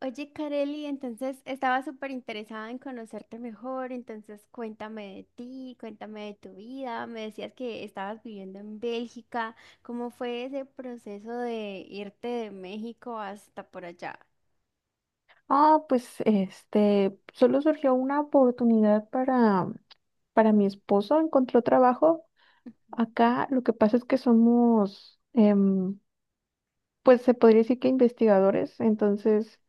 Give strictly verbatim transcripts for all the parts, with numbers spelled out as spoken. Oye, Kareli, entonces estaba súper interesada en conocerte mejor, entonces cuéntame de ti, cuéntame de tu vida, me decías que estabas viviendo en Bélgica, ¿cómo fue ese proceso de irte de México hasta por allá? Ah, pues este, solo surgió una oportunidad para, para mi esposo, encontró trabajo. Acá lo que pasa es que somos, em, pues se podría decir que investigadores. Entonces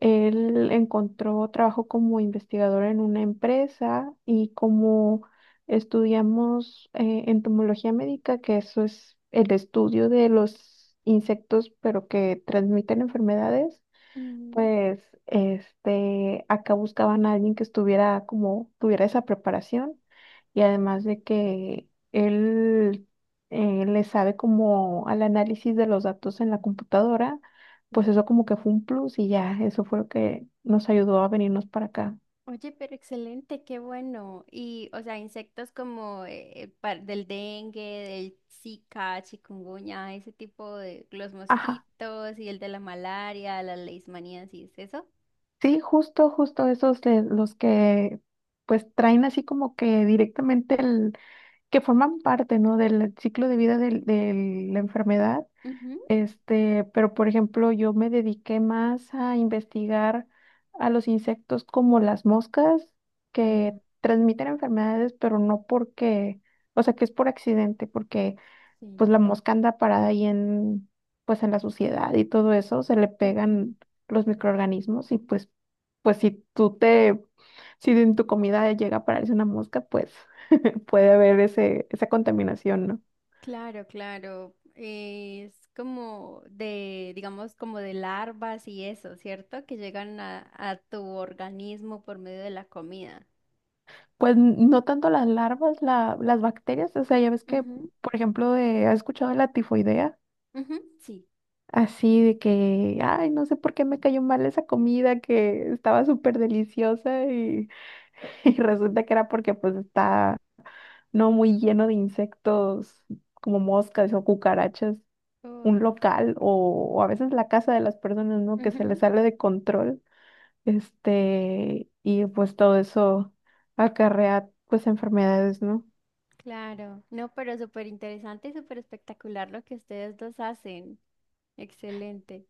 él encontró trabajo como investigador en una empresa, y como estudiamos eh, entomología médica, que eso es el estudio de los insectos, pero que transmiten enfermedades. Mm. Pues, este, acá buscaban a alguien que estuviera como, tuviera esa preparación, y además de que él eh, le sabe como al análisis de los datos en la computadora, pues eso como que fue un plus. Y ya, eso fue lo que nos ayudó a venirnos para acá. Oye, pero excelente, qué bueno. Y, o sea, insectos como eh, par- del dengue, del Zika, chikungunya, ese tipo de los Ajá, mosquitos y el de la malaria, las leishmaniasis, ¿eso? sí, justo, justo esos de los que pues traen así como que directamente el, que forman parte, ¿no? Del ciclo de vida del- de la enfermedad. Este, pero por ejemplo, yo me dediqué más a investigar a los insectos como las moscas que Ujú. transmiten enfermedades, pero no porque, o sea, que es por accidente, porque Sí. pues la mosca anda parada ahí en, pues en la suciedad, y todo eso, se le Ujú. pegan los microorganismos, y pues, pues si tú te, si en tu comida llega a pararse una mosca, pues puede haber ese, esa contaminación, ¿no? Claro, claro. Eh, Es como de, digamos, como de larvas y eso, ¿cierto? Que llegan a, a tu organismo por medio de la comida. Pues no tanto las larvas, la- las bacterias. O sea, ya ves que, Ujú, por ejemplo, de, ¿has escuchado de la tifoidea? ujú. Sí, Así de que, ay, no sé por qué me cayó mal esa comida que estaba súper deliciosa y, y resulta que era porque pues está no muy lleno de insectos como moscas o sí. cucarachas, Oh, un local o, o a veces la casa de las personas, ¿no? Que se les ujú. sale de control, este, y pues todo eso acarrea pues enfermedades, ¿no? Claro. No, pero súper interesante y súper espectacular lo que ustedes dos hacen. Excelente.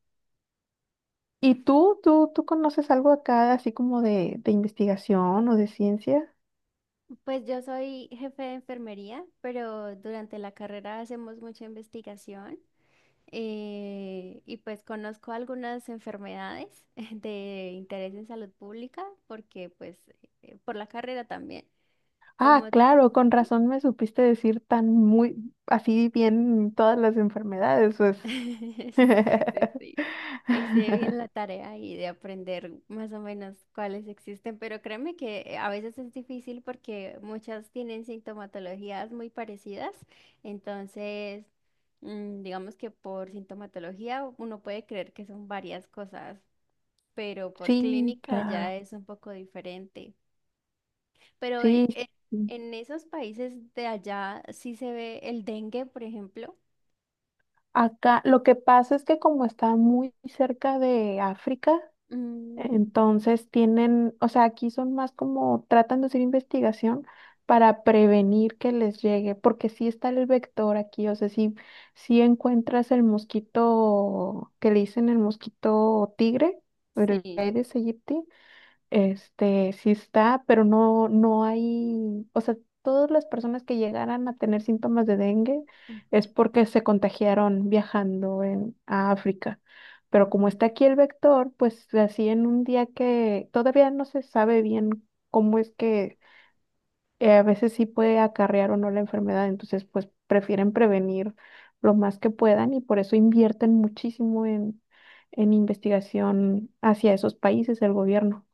¿Y tú, tú, tú conoces algo acá así como de, de investigación o de ciencia? Pues yo soy jefe de enfermería, pero durante la carrera hacemos mucha investigación. Eh, y pues conozco algunas enfermedades de interés en salud pública porque pues eh, por la carrera también, como Ah, claro, con razón me supiste decir tan muy, así bien todas las enfermedades, pues. sí, sí, sí. Ahí se ve bien la tarea y de aprender más o menos cuáles existen, pero créeme que eh, a veces es difícil porque muchas tienen sintomatologías muy parecidas, entonces mm, digamos que por sintomatología uno puede creer que son varias cosas, pero por Sí, clínica ya claro, es un poco diferente. Pero en, sí. En- sí. en esos países de allá sí se ve el dengue, por ejemplo. Acá lo que pasa es que como está muy cerca de África, Mm. entonces tienen, o sea, aquí son más como tratan de hacer investigación para prevenir que les llegue, porque sí está el vector aquí. O sea, si, si encuentras el mosquito, que le dicen el mosquito tigre, el Sí. Aedes aegypti, este, sí está, pero no, no hay, o sea, todas las personas que llegaran a tener síntomas de dengue Ujú. es porque se contagiaron viajando en, a África. Pero Ah. como está aquí el vector, pues así en un día que todavía no se sabe bien cómo es que eh, a veces sí puede acarrear o no la enfermedad, entonces pues prefieren prevenir lo más que puedan, y por eso invierten muchísimo en, en investigación hacia esos países, el gobierno.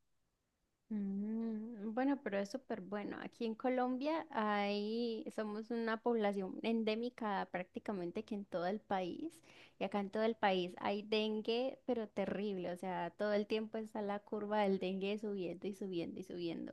Mm, bueno, pero es súper bueno. Aquí en Colombia hay, somos una población endémica prácticamente que en todo el país. Y acá en todo el país hay dengue, pero terrible. O sea, todo el tiempo está la curva del dengue subiendo y subiendo y subiendo.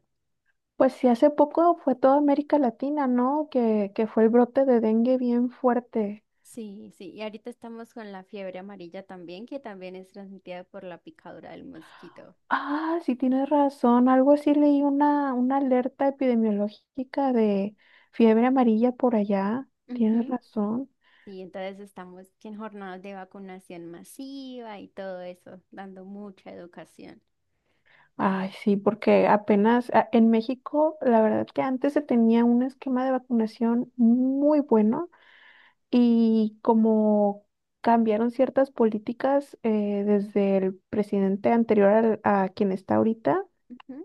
Pues sí, hace poco fue toda América Latina, ¿no? Que, que fue el brote de dengue bien fuerte. Sí, sí, y ahorita estamos con la fiebre amarilla también, que también es transmitida por la picadura del mosquito. Ah, sí tienes razón. Algo así leí una, una alerta epidemiológica de fiebre amarilla por allá. Tienes Ujú. razón. Sí, entonces estamos en jornadas de vacunación masiva y todo eso, dando mucha educación. Ay, sí, porque apenas a- en México, la verdad que antes se tenía un esquema de vacunación muy bueno, y como cambiaron ciertas políticas eh, desde el presidente anterior al- a quien está ahorita. Ujú.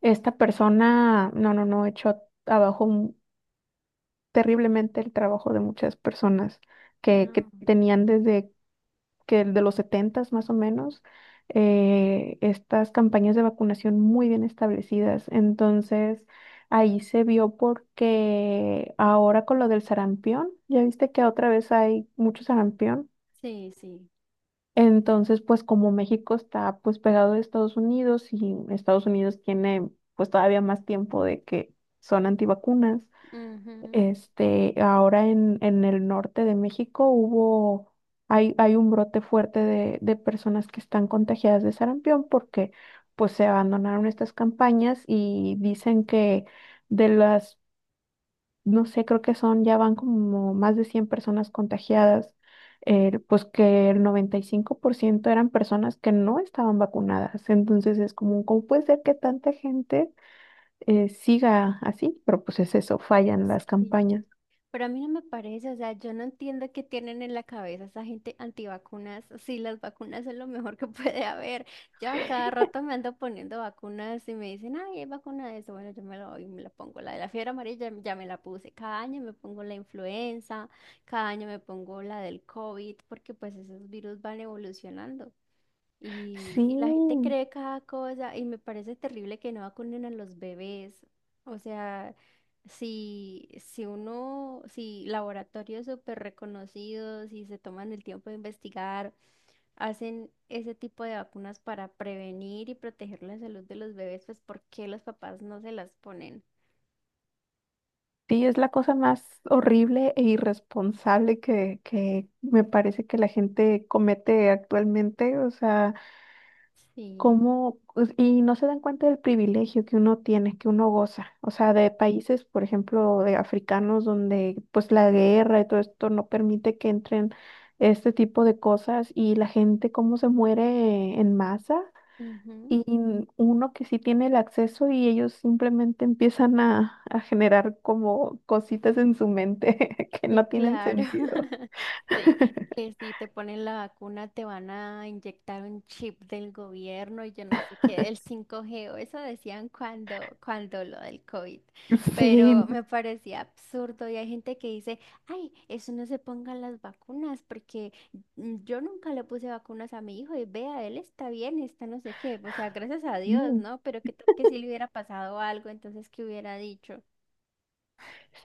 Esta persona, no, no, no, echó abajo mu- terriblemente el trabajo de muchas personas que, que Ah. tenían desde que el de los setentas más o menos, eh, estas campañas de vacunación muy bien establecidas. Entonces, ahí se vio porque ahora con lo del sarampión, ya viste que otra vez hay mucho sarampión. Sí, sí. Entonces, pues como México está pues pegado de Estados Unidos, y Estados Unidos tiene pues todavía más tiempo de que son antivacunas, Ujú. este, ahora en, en el norte de México hubo, hay, hay un brote fuerte de, de personas que están contagiadas de sarampión, porque pues se abandonaron estas campañas, y dicen que de las, no sé, creo que son, ya van como más de cien personas contagiadas, eh, pues que el noventa y cinco por ciento eran personas que no estaban vacunadas. Entonces es como, ¿cómo puede ser que tanta gente eh, siga así? Pero pues es eso, fallan las Sí. campañas. Pero a mí no me parece, o sea, yo no entiendo qué tienen en la cabeza esa gente antivacunas. Sí, las vacunas son lo mejor que puede haber. Yo a cada rato me ando poniendo vacunas y me dicen, ay, hay vacuna de eso. Bueno, yo me la doy, me la pongo. La de la fiebre amarilla ya me la puse. Cada año me pongo la influenza, cada año me pongo la del COVID, porque pues esos virus van evolucionando. Y, y la gente Sí, cree cada cosa y me parece terrible que no vacunen a los bebés. O sea, si, si uno, si laboratorios súper reconocidos y se toman el tiempo de investigar, hacen ese tipo de vacunas para prevenir y proteger la salud de los bebés, pues ¿por qué los papás no se las ponen? sí, es la cosa más horrible e irresponsable que, que me parece que la gente comete actualmente. O sea, Sí. cómo, pues, y no se dan cuenta del privilegio que uno tiene, que uno goza. O sea, de países, por ejemplo, de africanos, donde pues la guerra y todo esto no permite que entren este tipo de cosas, y la gente cómo se muere en masa. Ujú. Y uno que sí tiene el acceso, y ellos simplemente empiezan a, a generar como cositas en su mente que Sí, no tienen claro. sentido. Sí, que si te ponen la vacuna te van a inyectar un chip del gobierno y yo no sé qué, del cinco g o eso decían cuando, cuando lo del COVID. Sí, Pero no me parecía absurdo y hay gente que dice, ay, eso no se pongan las vacunas porque mm, yo nunca le puse vacunas a mi hijo y vea, él está bien, está no sé qué. O sea, gracias a Dios, sé. ¿no? Pero que, que si le hubiera pasado algo, entonces, ¿qué hubiera dicho?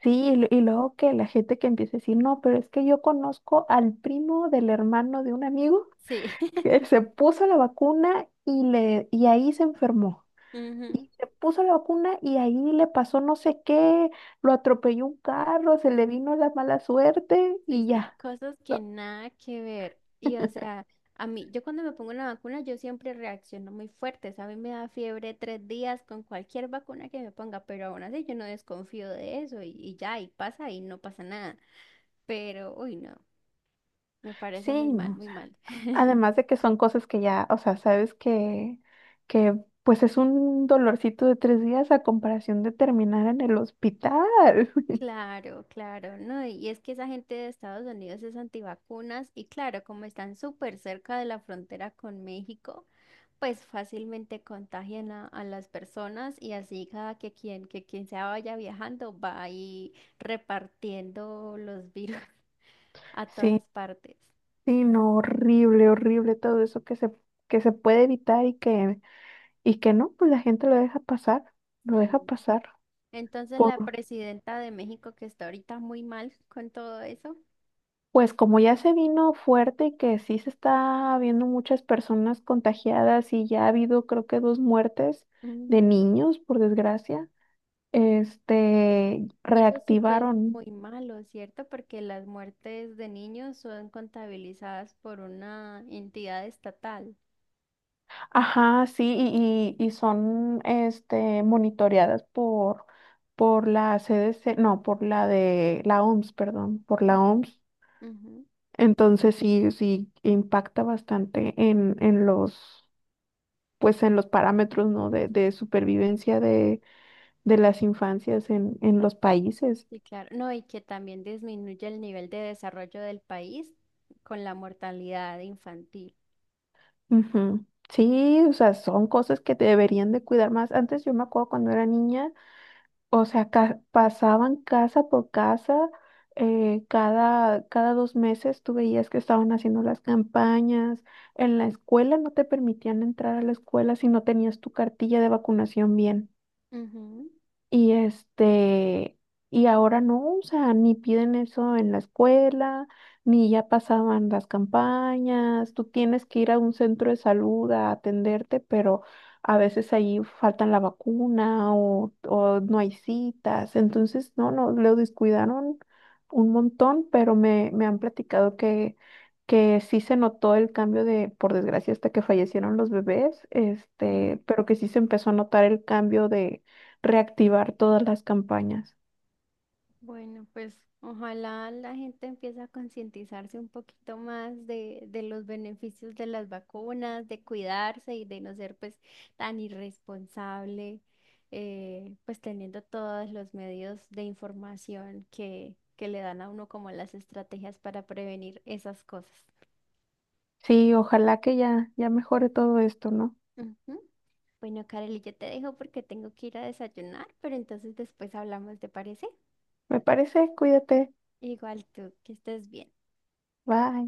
Sí, y, lu- y luego que la gente que empieza a decir, no, pero es que yo conozco al primo del hermano de un amigo Sí. que se puso la vacuna, y, le, y ahí se enfermó. Ujú. Y se puso la vacuna y ahí le pasó no sé qué, lo atropelló un carro, se le vino la mala suerte y Sí, sí, ya, cosas que ¿no? nada que ver. Y o sea, a mí, yo cuando me pongo una vacuna, yo siempre reacciono muy fuerte, ¿sabes? A mí me da fiebre tres días con cualquier vacuna que me ponga, pero aún así yo no desconfío de eso y, y ya, y pasa y no pasa nada. Pero, uy, no, me parece muy Sí, mal, no, o muy sea, mal. además de que son cosas que ya, o sea, sabes que, que pues es un dolorcito de tres días a comparación de terminar en el hospital. Claro, claro, no. Y es que esa gente de Estados Unidos es antivacunas y claro, como están súper cerca de la frontera con México, pues fácilmente contagian a, a las personas y así cada que quien, que quien se vaya viajando va ahí repartiendo los virus a Sí. todas partes. Sí, no, horrible, horrible todo eso que se, que se puede evitar, y que, y que no, pues la gente lo deja pasar, lo Sí. deja pasar. Entonces la Por- presidenta de México que está ahorita muy mal con todo eso. pues como ya se vino fuerte, y que sí se está viendo muchas personas contagiadas, y ya ha habido creo que dos muertes de Mm. niños, por desgracia, este, Y eso sí que es reactivaron. muy malo, ¿cierto? Porque las muertes de niños son contabilizadas por una entidad estatal. Ajá, sí, y, y, y son este, monitoreadas por, por la C D C, no, por la de la O M S, perdón, por la O M S. Ujú. Entonces sí, sí impacta bastante en, en los, pues en los parámetros, ¿no? De, de supervivencia de, de las infancias en, en los países. Sí, claro. No, y que también disminuye el nivel de desarrollo del país con la mortalidad infantil. Ujú. Sí, o sea, son cosas que deberían de cuidar más. Antes yo me acuerdo cuando era niña. O sea, ca- pasaban casa por casa, eh, cada, cada dos meses tú veías que estaban haciendo las campañas. En la escuela no te permitían entrar a la escuela si no tenías tu cartilla de vacunación bien. Ujú. Y este, y ahora no, o sea, ni piden eso en la escuela, ni ya pasaban las campañas, tú tienes que ir a un centro de salud a atenderte, pero a veces ahí faltan la vacuna o, o no hay citas. Entonces no, no, lo descuidaron un montón, pero me, me han platicado que, que sí se notó el cambio de, por desgracia, hasta que fallecieron los bebés, Mm. este, pero que sí se empezó a notar el cambio, reactivar todas las campañas. Bueno, pues ojalá la gente empiece a concientizarse un poquito más de, de los beneficios de las vacunas, de cuidarse y de no ser pues tan irresponsable, eh, pues teniendo todos los medios de información que, que le dan a uno como las estrategias para prevenir esas cosas. Sí, ojalá que ya, ya mejore todo esto, ¿no? Ujú. Bueno, Kareli, yo te dejo porque tengo que ir a desayunar, pero entonces después hablamos, ¿te parece? Me parece, cuídate. Igual tú, que estés bien. Bye.